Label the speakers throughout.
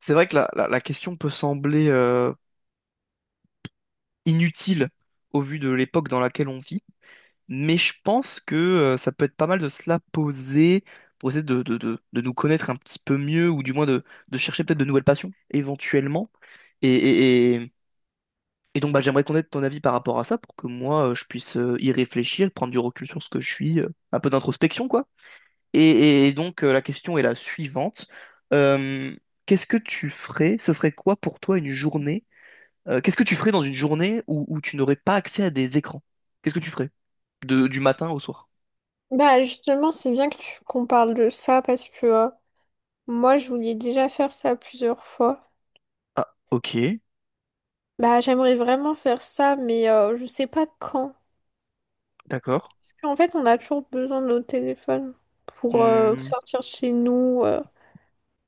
Speaker 1: C'est vrai que la question peut sembler inutile au vu de l'époque dans laquelle on vit, mais je pense que ça peut être pas mal de se la poser pour essayer de nous connaître un petit peu mieux, ou du moins de chercher peut-être de nouvelles passions, éventuellement. Et, et- et- et donc bah, j'aimerais connaître ton avis par rapport à ça, pour que moi je puisse y réfléchir, prendre du recul sur ce que je suis, un peu d'introspection, quoi. Et donc la question est la suivante. Euh, Qu'est-ce que tu ferais? Ce serait quoi pour toi une journée? Qu'est-ce que tu ferais dans une journée où tu n'aurais pas accès à des écrans? Qu'est-ce que tu ferais de, du matin au soir?
Speaker 2: Bah justement, c'est bien que tu qu'on parle de ça parce que moi, je voulais déjà faire ça plusieurs fois.
Speaker 1: Ah, ok,
Speaker 2: Bah j'aimerais vraiment faire ça, mais je sais pas quand.
Speaker 1: d'accord.
Speaker 2: Parce qu'en fait, on a toujours besoin de nos téléphones pour
Speaker 1: Hmm.
Speaker 2: sortir de chez nous,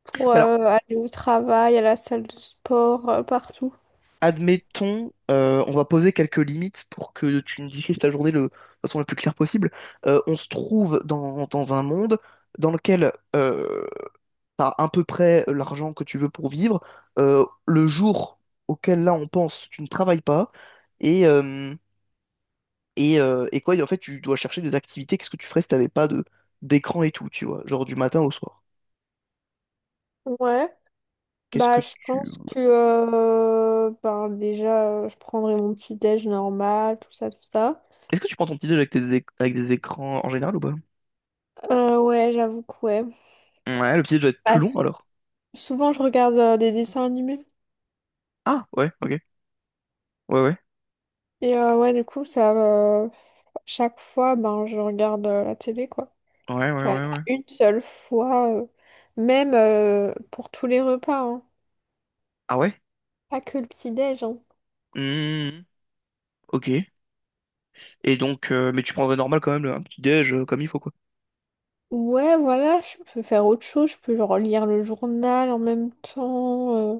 Speaker 2: pour
Speaker 1: Bah alors,
Speaker 2: aller au travail, à la salle de sport, partout.
Speaker 1: admettons, on va poser quelques limites pour que tu nous décrives ta journée le, de façon la plus claire possible. On se trouve dans un monde dans lequel t'as à peu près l'argent que tu veux pour vivre. Le jour auquel là on pense, tu ne travailles pas. Et, euh, et quoi, et en fait, tu dois chercher des activités. Qu'est-ce que tu ferais si t'avais pas de d'écran et tout, tu vois, genre du matin au soir.
Speaker 2: Ouais.
Speaker 1: Qu'est-ce
Speaker 2: Bah
Speaker 1: que
Speaker 2: je
Speaker 1: tu
Speaker 2: pense que ben, déjà, je prendrai mon petit déj normal, tout ça, tout ça.
Speaker 1: est-ce que tu prends ton petit déj avec tes éc- avec des écrans en général ou pas?
Speaker 2: Ouais, j'avoue que ouais.
Speaker 1: Ouais, le petit déj doit être
Speaker 2: Bah,
Speaker 1: plus long alors.
Speaker 2: souvent, je regarde des dessins animés.
Speaker 1: Ah ouais, ok, ouais ouais,
Speaker 2: Et ouais, du coup, ça, chaque fois, ben, je regarde la télé, quoi.
Speaker 1: ouais ouais
Speaker 2: J'avais
Speaker 1: ouais
Speaker 2: pas
Speaker 1: ouais.
Speaker 2: une seule fois, même pour tous les repas, hein.
Speaker 1: Ah ouais?
Speaker 2: Pas que le petit-déj, hein.
Speaker 1: Hmm, ok. Et donc, mais tu prendrais normal quand même le- un petit déj comme il faut quoi.
Speaker 2: Ouais, voilà, je peux faire autre chose, je peux genre lire le journal en même temps,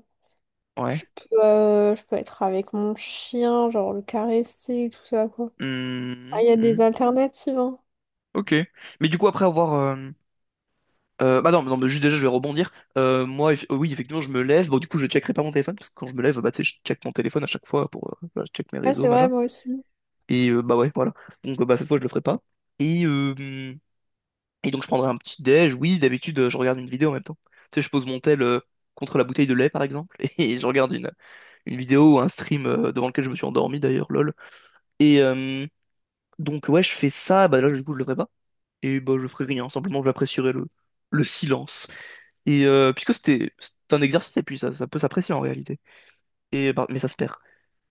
Speaker 2: je
Speaker 1: Ouais.
Speaker 2: peux, euh, je peux être avec mon chien, genre le caresser, tout ça, quoi. Ah,
Speaker 1: Hmm,
Speaker 2: il y a
Speaker 1: hmm,
Speaker 2: des alternatives, hein.
Speaker 1: ok. Mais du coup après avoir bah non, non, mais juste déjà, je vais rebondir. Moi, eff- oui, effectivement, je me lève. Bon, du coup, je checkerai pas mon téléphone, parce que quand je me lève, bah, tu sais, je check mon téléphone à chaque fois pour, voilà, je check mes
Speaker 2: Ouais,
Speaker 1: réseaux,
Speaker 2: c'est vrai,
Speaker 1: machin.
Speaker 2: moi aussi.
Speaker 1: Et bah ouais, voilà. Donc, bah, cette fois, je le ferai pas. Et, euh, et donc, je prendrai un petit déj. Oui, d'habitude, je regarde une vidéo en même temps. Tu sais, je pose mon tel contre la bouteille de lait, par exemple, et je regarde une vidéo ou un stream devant lequel je me suis endormi, d'ailleurs, lol. Et donc, ouais, je fais ça. Bah là, du coup, je le ferai pas. Et bah, je ferai rien. Simplement, j'apprécierai le silence. Et puisque c'est un exercice, et puis ça peut s'apprécier en réalité. Et, bah, mais ça se perd.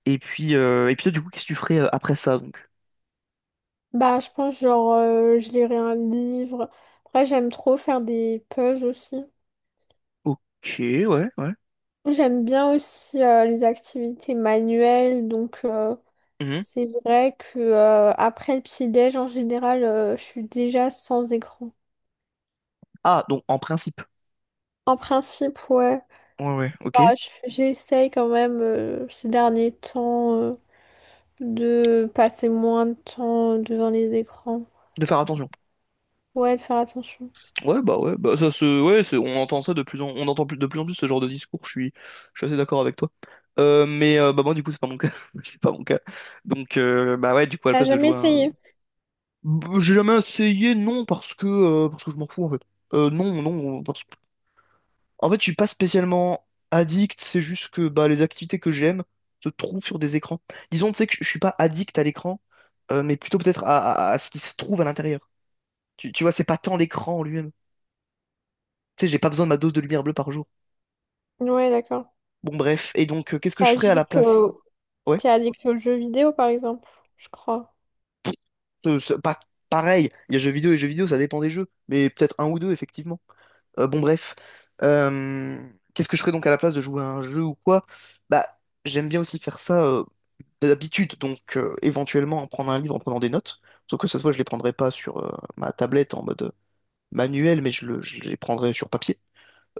Speaker 1: Et puis toi, du coup, qu'est-ce que tu ferais après ça, donc?
Speaker 2: Bah, je pense, genre, je lirai un livre. Après, j'aime trop faire des puzzles aussi.
Speaker 1: Ok, ouais, ouais.
Speaker 2: J'aime bien aussi les activités manuelles, donc
Speaker 1: Mhm.
Speaker 2: c'est vrai que après le petit-déj, en général, je suis déjà sans écran.
Speaker 1: Ah, donc en principe.
Speaker 2: En principe, ouais.
Speaker 1: Ouais, ouais,
Speaker 2: Bah,
Speaker 1: ok.
Speaker 2: j'essaye quand même ces derniers temps de passer moins de temps devant les écrans.
Speaker 1: De faire attention.
Speaker 2: Ouais, de faire attention.
Speaker 1: Ouais, bah ça se. Ouais, c'est- on entend ça de plus en on entend plus, de plus en plus ce genre de discours, je suis assez d'accord avec toi. Mais bah moi du coup c'est pas mon cas. C'est pas mon cas. Donc bah ouais, du coup à la
Speaker 2: T'as
Speaker 1: place de
Speaker 2: jamais
Speaker 1: jouer à un.
Speaker 2: essayé?
Speaker 1: Bah, j'ai jamais essayé, non, parce que je m'en fous en fait. Non, non, parce en fait, je suis pas spécialement addict, c'est juste que bah, les activités que j'aime se trouvent sur des écrans. Disons, tu sais que je suis pas addict à l'écran, mais plutôt peut-être à, à ce qui se trouve à l'intérieur. Tu vois, c'est pas tant l'écran en lui-même. Tu sais, j'ai pas besoin de ma dose de lumière bleue par jour.
Speaker 2: Ouais, d'accord.
Speaker 1: Bon, bref. Et donc, qu'est-ce que
Speaker 2: T'es
Speaker 1: je ferais à la
Speaker 2: addict,
Speaker 1: place?
Speaker 2: euh,
Speaker 1: Ouais.
Speaker 2: t'es addict aux jeux vidéo, par exemple, je crois.
Speaker 1: Pas pareil. Il y a jeux vidéo et jeux vidéo, ça dépend des jeux. Mais peut-être un ou deux, effectivement. Bon, bref. Euh, Qu'est-ce que je ferais donc à la place de jouer à un jeu ou quoi? Bah, j'aime bien aussi faire ça d'habitude, donc éventuellement en prendre un livre en prenant des notes. Sauf que cette fois, je les prendrai pas sur ma tablette en mode manuel, mais je, le- je les prendrai sur papier.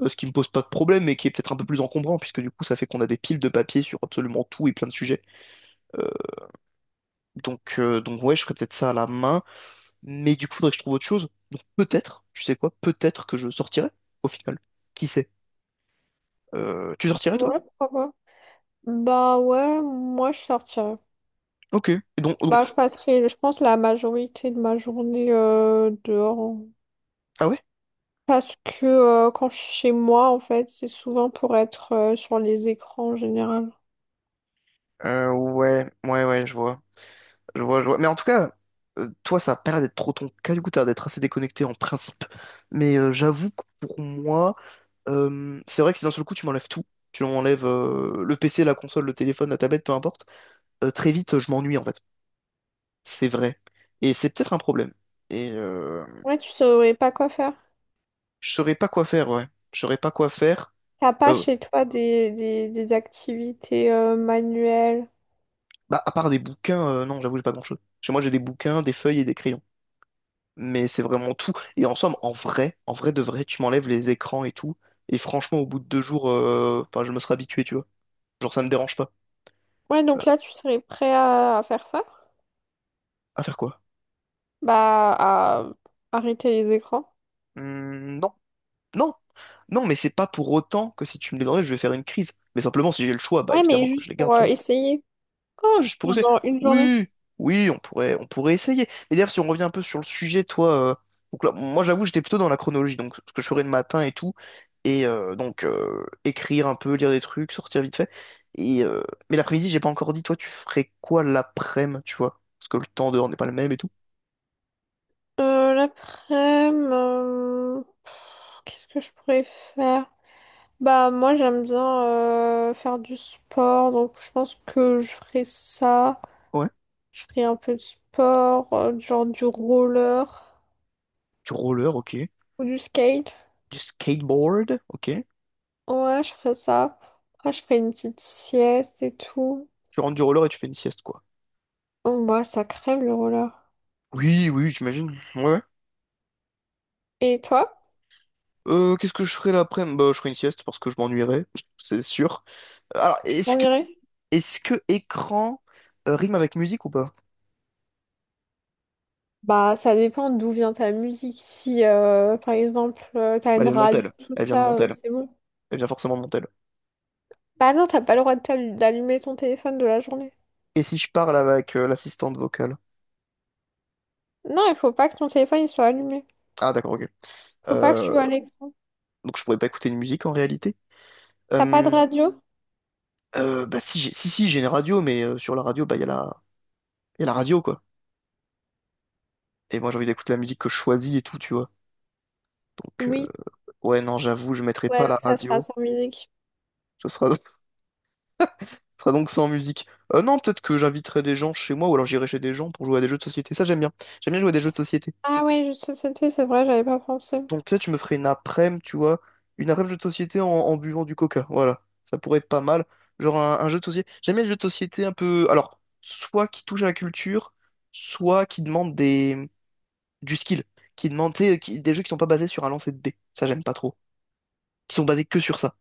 Speaker 1: Ce qui me pose pas de problème, mais qui est peut-être un peu plus encombrant, puisque du coup, ça fait qu'on a des piles de papier sur absolument tout et plein de sujets. Euh, donc ouais, je ferais peut-être ça à la main, mais du coup, faudrait que je trouve autre chose. Donc peut-être, tu sais quoi, peut-être que je sortirai au final. Qui sait? Tu sortirais toi?
Speaker 2: Ouais, pourquoi pas. Bah ouais, moi je sortirais.
Speaker 1: Ok.
Speaker 2: Bah, je
Speaker 1: Donc-
Speaker 2: passerai, je pense, la majorité de ma journée dehors, hein.
Speaker 1: ah ouais?
Speaker 2: Parce que quand je suis chez moi, en fait, c'est souvent pour être sur les écrans en général.
Speaker 1: Ouais, ouais, ouais, je vois. Je vois, je vois. Mais en tout cas, toi, ça a pas l'air d'être trop ton cas, du coup, t'as l'air d'être assez déconnecté en principe. Mais j'avoue que pour moi, c'est vrai que si d'un seul coup, tu m'enlèves tout, tu m'enlèves le PC, la console, le téléphone, la tablette, peu importe, très vite, je m'ennuie, en fait. C'est vrai. Et c'est peut-être un problème. Et
Speaker 2: Ouais, tu saurais pas quoi faire.
Speaker 1: je saurais pas quoi faire, ouais. Je saurais pas quoi faire.
Speaker 2: T'as pas
Speaker 1: Euh,
Speaker 2: chez toi des activités manuelles.
Speaker 1: bah, à part des bouquins, non, j'avoue, j'ai pas grand-chose. Chez moi, j'ai des bouquins, des feuilles et des crayons, mais c'est vraiment tout. Et en somme, en vrai de vrai, tu m'enlèves les écrans et tout. Et franchement, au bout de deux jours, enfin, je me serais habitué, tu vois. Genre, ça me dérange pas.
Speaker 2: Ouais, donc là, tu serais prêt à faire ça?
Speaker 1: À faire quoi?
Speaker 2: Bah, à arrêter les écrans.
Speaker 1: Hmm, non, non, non, mais c'est pas pour autant que si tu me les enlèves, je vais faire une crise. Mais simplement, si j'ai le choix, bah
Speaker 2: Ouais, mais
Speaker 1: évidemment que
Speaker 2: juste
Speaker 1: je les garde,
Speaker 2: pour
Speaker 1: tu vois.
Speaker 2: essayer
Speaker 1: Ah, juste pour essayer.
Speaker 2: pendant une journée.
Speaker 1: Oui, oui, on pourrait essayer. Mais d'ailleurs, si on revient un peu sur le sujet, toi, donc là, moi j'avoue, j'étais plutôt dans la chronologie, donc ce que je ferais le matin et tout, et écrire un peu, lire des trucs, sortir vite fait. Et mais l'après-midi, j'ai pas encore dit, toi, tu ferais quoi l'après-midi, tu vois? Parce que le temps dehors n'est pas le même et tout.
Speaker 2: L'après-midi, qu'est-ce que je pourrais faire? Bah moi j'aime bien faire du sport, donc je pense que je ferai ça.
Speaker 1: Ouais.
Speaker 2: Je ferai un peu de sport, genre du roller
Speaker 1: Du roller, ok.
Speaker 2: ou du skate.
Speaker 1: Du skateboard, ok.
Speaker 2: Ouais, je ferai ça. Après je ferai une petite sieste et tout.
Speaker 1: Tu rentres du roller et tu fais une sieste, quoi.
Speaker 2: Oh, bah ça crève le roller.
Speaker 1: Oui, oui, j'imagine. Ouais.
Speaker 2: Et toi?
Speaker 1: Qu'est-ce que je ferais l'après-midi? Bah, je ferais une sieste parce que je m'ennuierais, c'est sûr. Alors,
Speaker 2: Tu
Speaker 1: est-ce
Speaker 2: t'en
Speaker 1: que
Speaker 2: irais?
Speaker 1: est-ce que écran rime avec musique ou pas?
Speaker 2: Bah ça dépend d'où vient ta musique. Si par exemple t'as
Speaker 1: Bah, elle
Speaker 2: une
Speaker 1: vient de
Speaker 2: radio,
Speaker 1: Montel.
Speaker 2: tout
Speaker 1: Elle vient de
Speaker 2: ça,
Speaker 1: Montel.
Speaker 2: c'est bon.
Speaker 1: Elle vient forcément de Montel.
Speaker 2: Bah non, t'as pas le droit de d'allumer ton téléphone de la journée.
Speaker 1: Et si je parle avec l'assistante vocale?
Speaker 2: Non, il faut pas que ton téléphone il soit allumé.
Speaker 1: Ah d'accord, ok.
Speaker 2: Faut pas que tu
Speaker 1: Euh,
Speaker 2: vas à l'écran.
Speaker 1: donc je pourrais pas écouter une musique en réalité.
Speaker 2: T'as pas de
Speaker 1: Euh,
Speaker 2: radio?
Speaker 1: bah si, j'ai- si, si, j'ai une radio, mais sur la radio, bah il y a la radio quoi. Et moi j'ai envie d'écouter la musique que je choisis et tout, tu vois. Donc
Speaker 2: Oui.
Speaker 1: ouais, non, j'avoue, je mettrai pas
Speaker 2: Ouais, donc
Speaker 1: la
Speaker 2: ça sera
Speaker 1: radio.
Speaker 2: sans musique.
Speaker 1: Ce sera, ce sera donc sans musique. Non, peut-être que j'inviterai des gens chez moi ou alors j'irai chez des gens pour jouer à des jeux de société. Ça j'aime bien. J'aime bien jouer à des jeux de société.
Speaker 2: Ah ouais, jeux de société, c'est vrai, j'avais pas pensé.
Speaker 1: Donc peut-être je me ferais une après-midi, tu vois, une après-midi jeu de société en, en buvant du coca. Voilà, ça pourrait être pas mal. Genre un jeu de société. J'aime bien les jeux de société un peu. Alors, soit qui touche à la culture, soit qui demande des du skill, qui demande tu sais, qui- des jeux qui sont pas basés sur un lancer de dés. Ça j'aime pas trop. Qui sont basés que sur ça.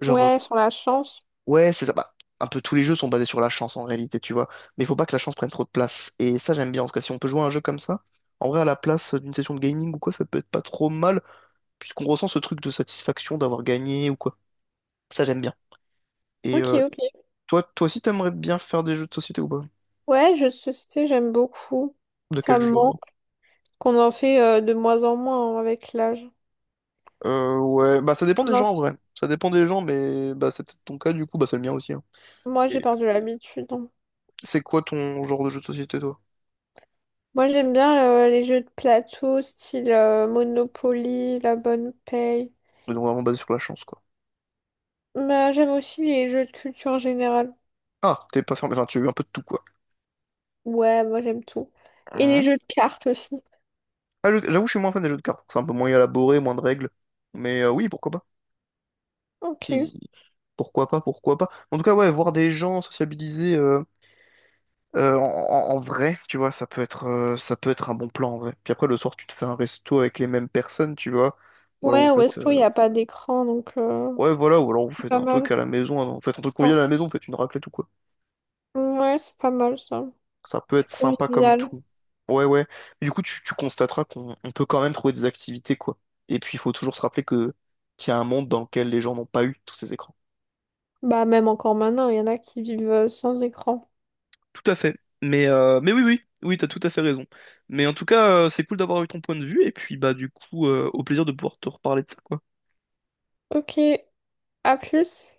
Speaker 1: Genre
Speaker 2: Ouais, sur la chance.
Speaker 1: ouais, c'est ça. Bah, un peu tous les jeux sont basés sur la chance en réalité, tu vois. Mais il faut pas que la chance prenne trop de place. Et ça, j'aime bien. En tout cas, si on peut jouer à un jeu comme ça, en vrai, à la place d'une session de gaming ou quoi, ça peut être pas trop mal, puisqu'on ressent ce truc de satisfaction d'avoir gagné ou quoi. Ça, j'aime bien. Et
Speaker 2: Ok, ok.
Speaker 1: toi aussi, t'aimerais bien faire des jeux de société ou pas?
Speaker 2: Ouais, jeux de société, j'aime beaucoup.
Speaker 1: De
Speaker 2: Ça
Speaker 1: quel
Speaker 2: me
Speaker 1: genre?
Speaker 2: manque qu'on en fait de moins en moins, hein, avec l'âge.
Speaker 1: Ouais, bah ça dépend
Speaker 2: On
Speaker 1: des
Speaker 2: en
Speaker 1: gens en
Speaker 2: fait-
Speaker 1: vrai. Ça dépend des gens, mais bah c'est peut-être ton cas du coup, bah c'est le mien aussi, hein.
Speaker 2: Moi, j'ai
Speaker 1: Et
Speaker 2: perdu l'habitude, hein.
Speaker 1: c'est quoi ton genre de jeu de société, toi?
Speaker 2: Moi, j'aime bien les jeux de plateau, style Monopoly, La Bonne Paye.
Speaker 1: Donc vraiment basé sur la chance, quoi.
Speaker 2: Mais j'aime aussi les jeux de culture générale.
Speaker 1: Ah, t'es pas fermé, enfin tu as eu un peu de tout, quoi.
Speaker 2: Ouais, moi, j'aime tout. Et les jeux de cartes aussi.
Speaker 1: Ah, je- j'avoue, je suis moins fan des jeux de cartes, parce que c'est un peu moins élaboré, moins de règles. Mais oui, pourquoi pas.
Speaker 2: Ok.
Speaker 1: Si, pourquoi pas, pourquoi pas. En tout cas, ouais, voir des gens sociabiliser en, en vrai, tu vois, ça peut être un bon plan en vrai. Puis après, le soir, tu te fais un resto avec les mêmes personnes, tu vois. Ou alors vous
Speaker 2: Ouais,
Speaker 1: faites,
Speaker 2: Westo, il n'y a pas d'écran, donc
Speaker 1: ouais, voilà,
Speaker 2: c'est
Speaker 1: ou alors vous faites
Speaker 2: pas
Speaker 1: un truc
Speaker 2: mal.
Speaker 1: à la maison, hein. Vous faites un truc
Speaker 2: Enfin,
Speaker 1: convivial à la maison, vous faites une raclette ou quoi.
Speaker 2: ouais, c'est pas mal ça.
Speaker 1: Ça peut
Speaker 2: C'est
Speaker 1: être sympa comme
Speaker 2: convivial.
Speaker 1: tout. Ouais, ouais. Mais du coup, tu constateras qu'on on peut quand même trouver des activités, quoi. Et puis, il faut toujours se rappeler que qu'il y a un monde dans lequel les gens n'ont pas eu tous ces écrans.
Speaker 2: Bah, même encore maintenant, il y en a qui vivent sans écran.
Speaker 1: Tout à fait. Mais oui, oui, oui, t'as tout à fait raison. Mais en tout cas, c'est cool d'avoir eu ton point de vue, et puis bah du coup, au plaisir de pouvoir te reparler de ça, quoi.
Speaker 2: Ok, à plus.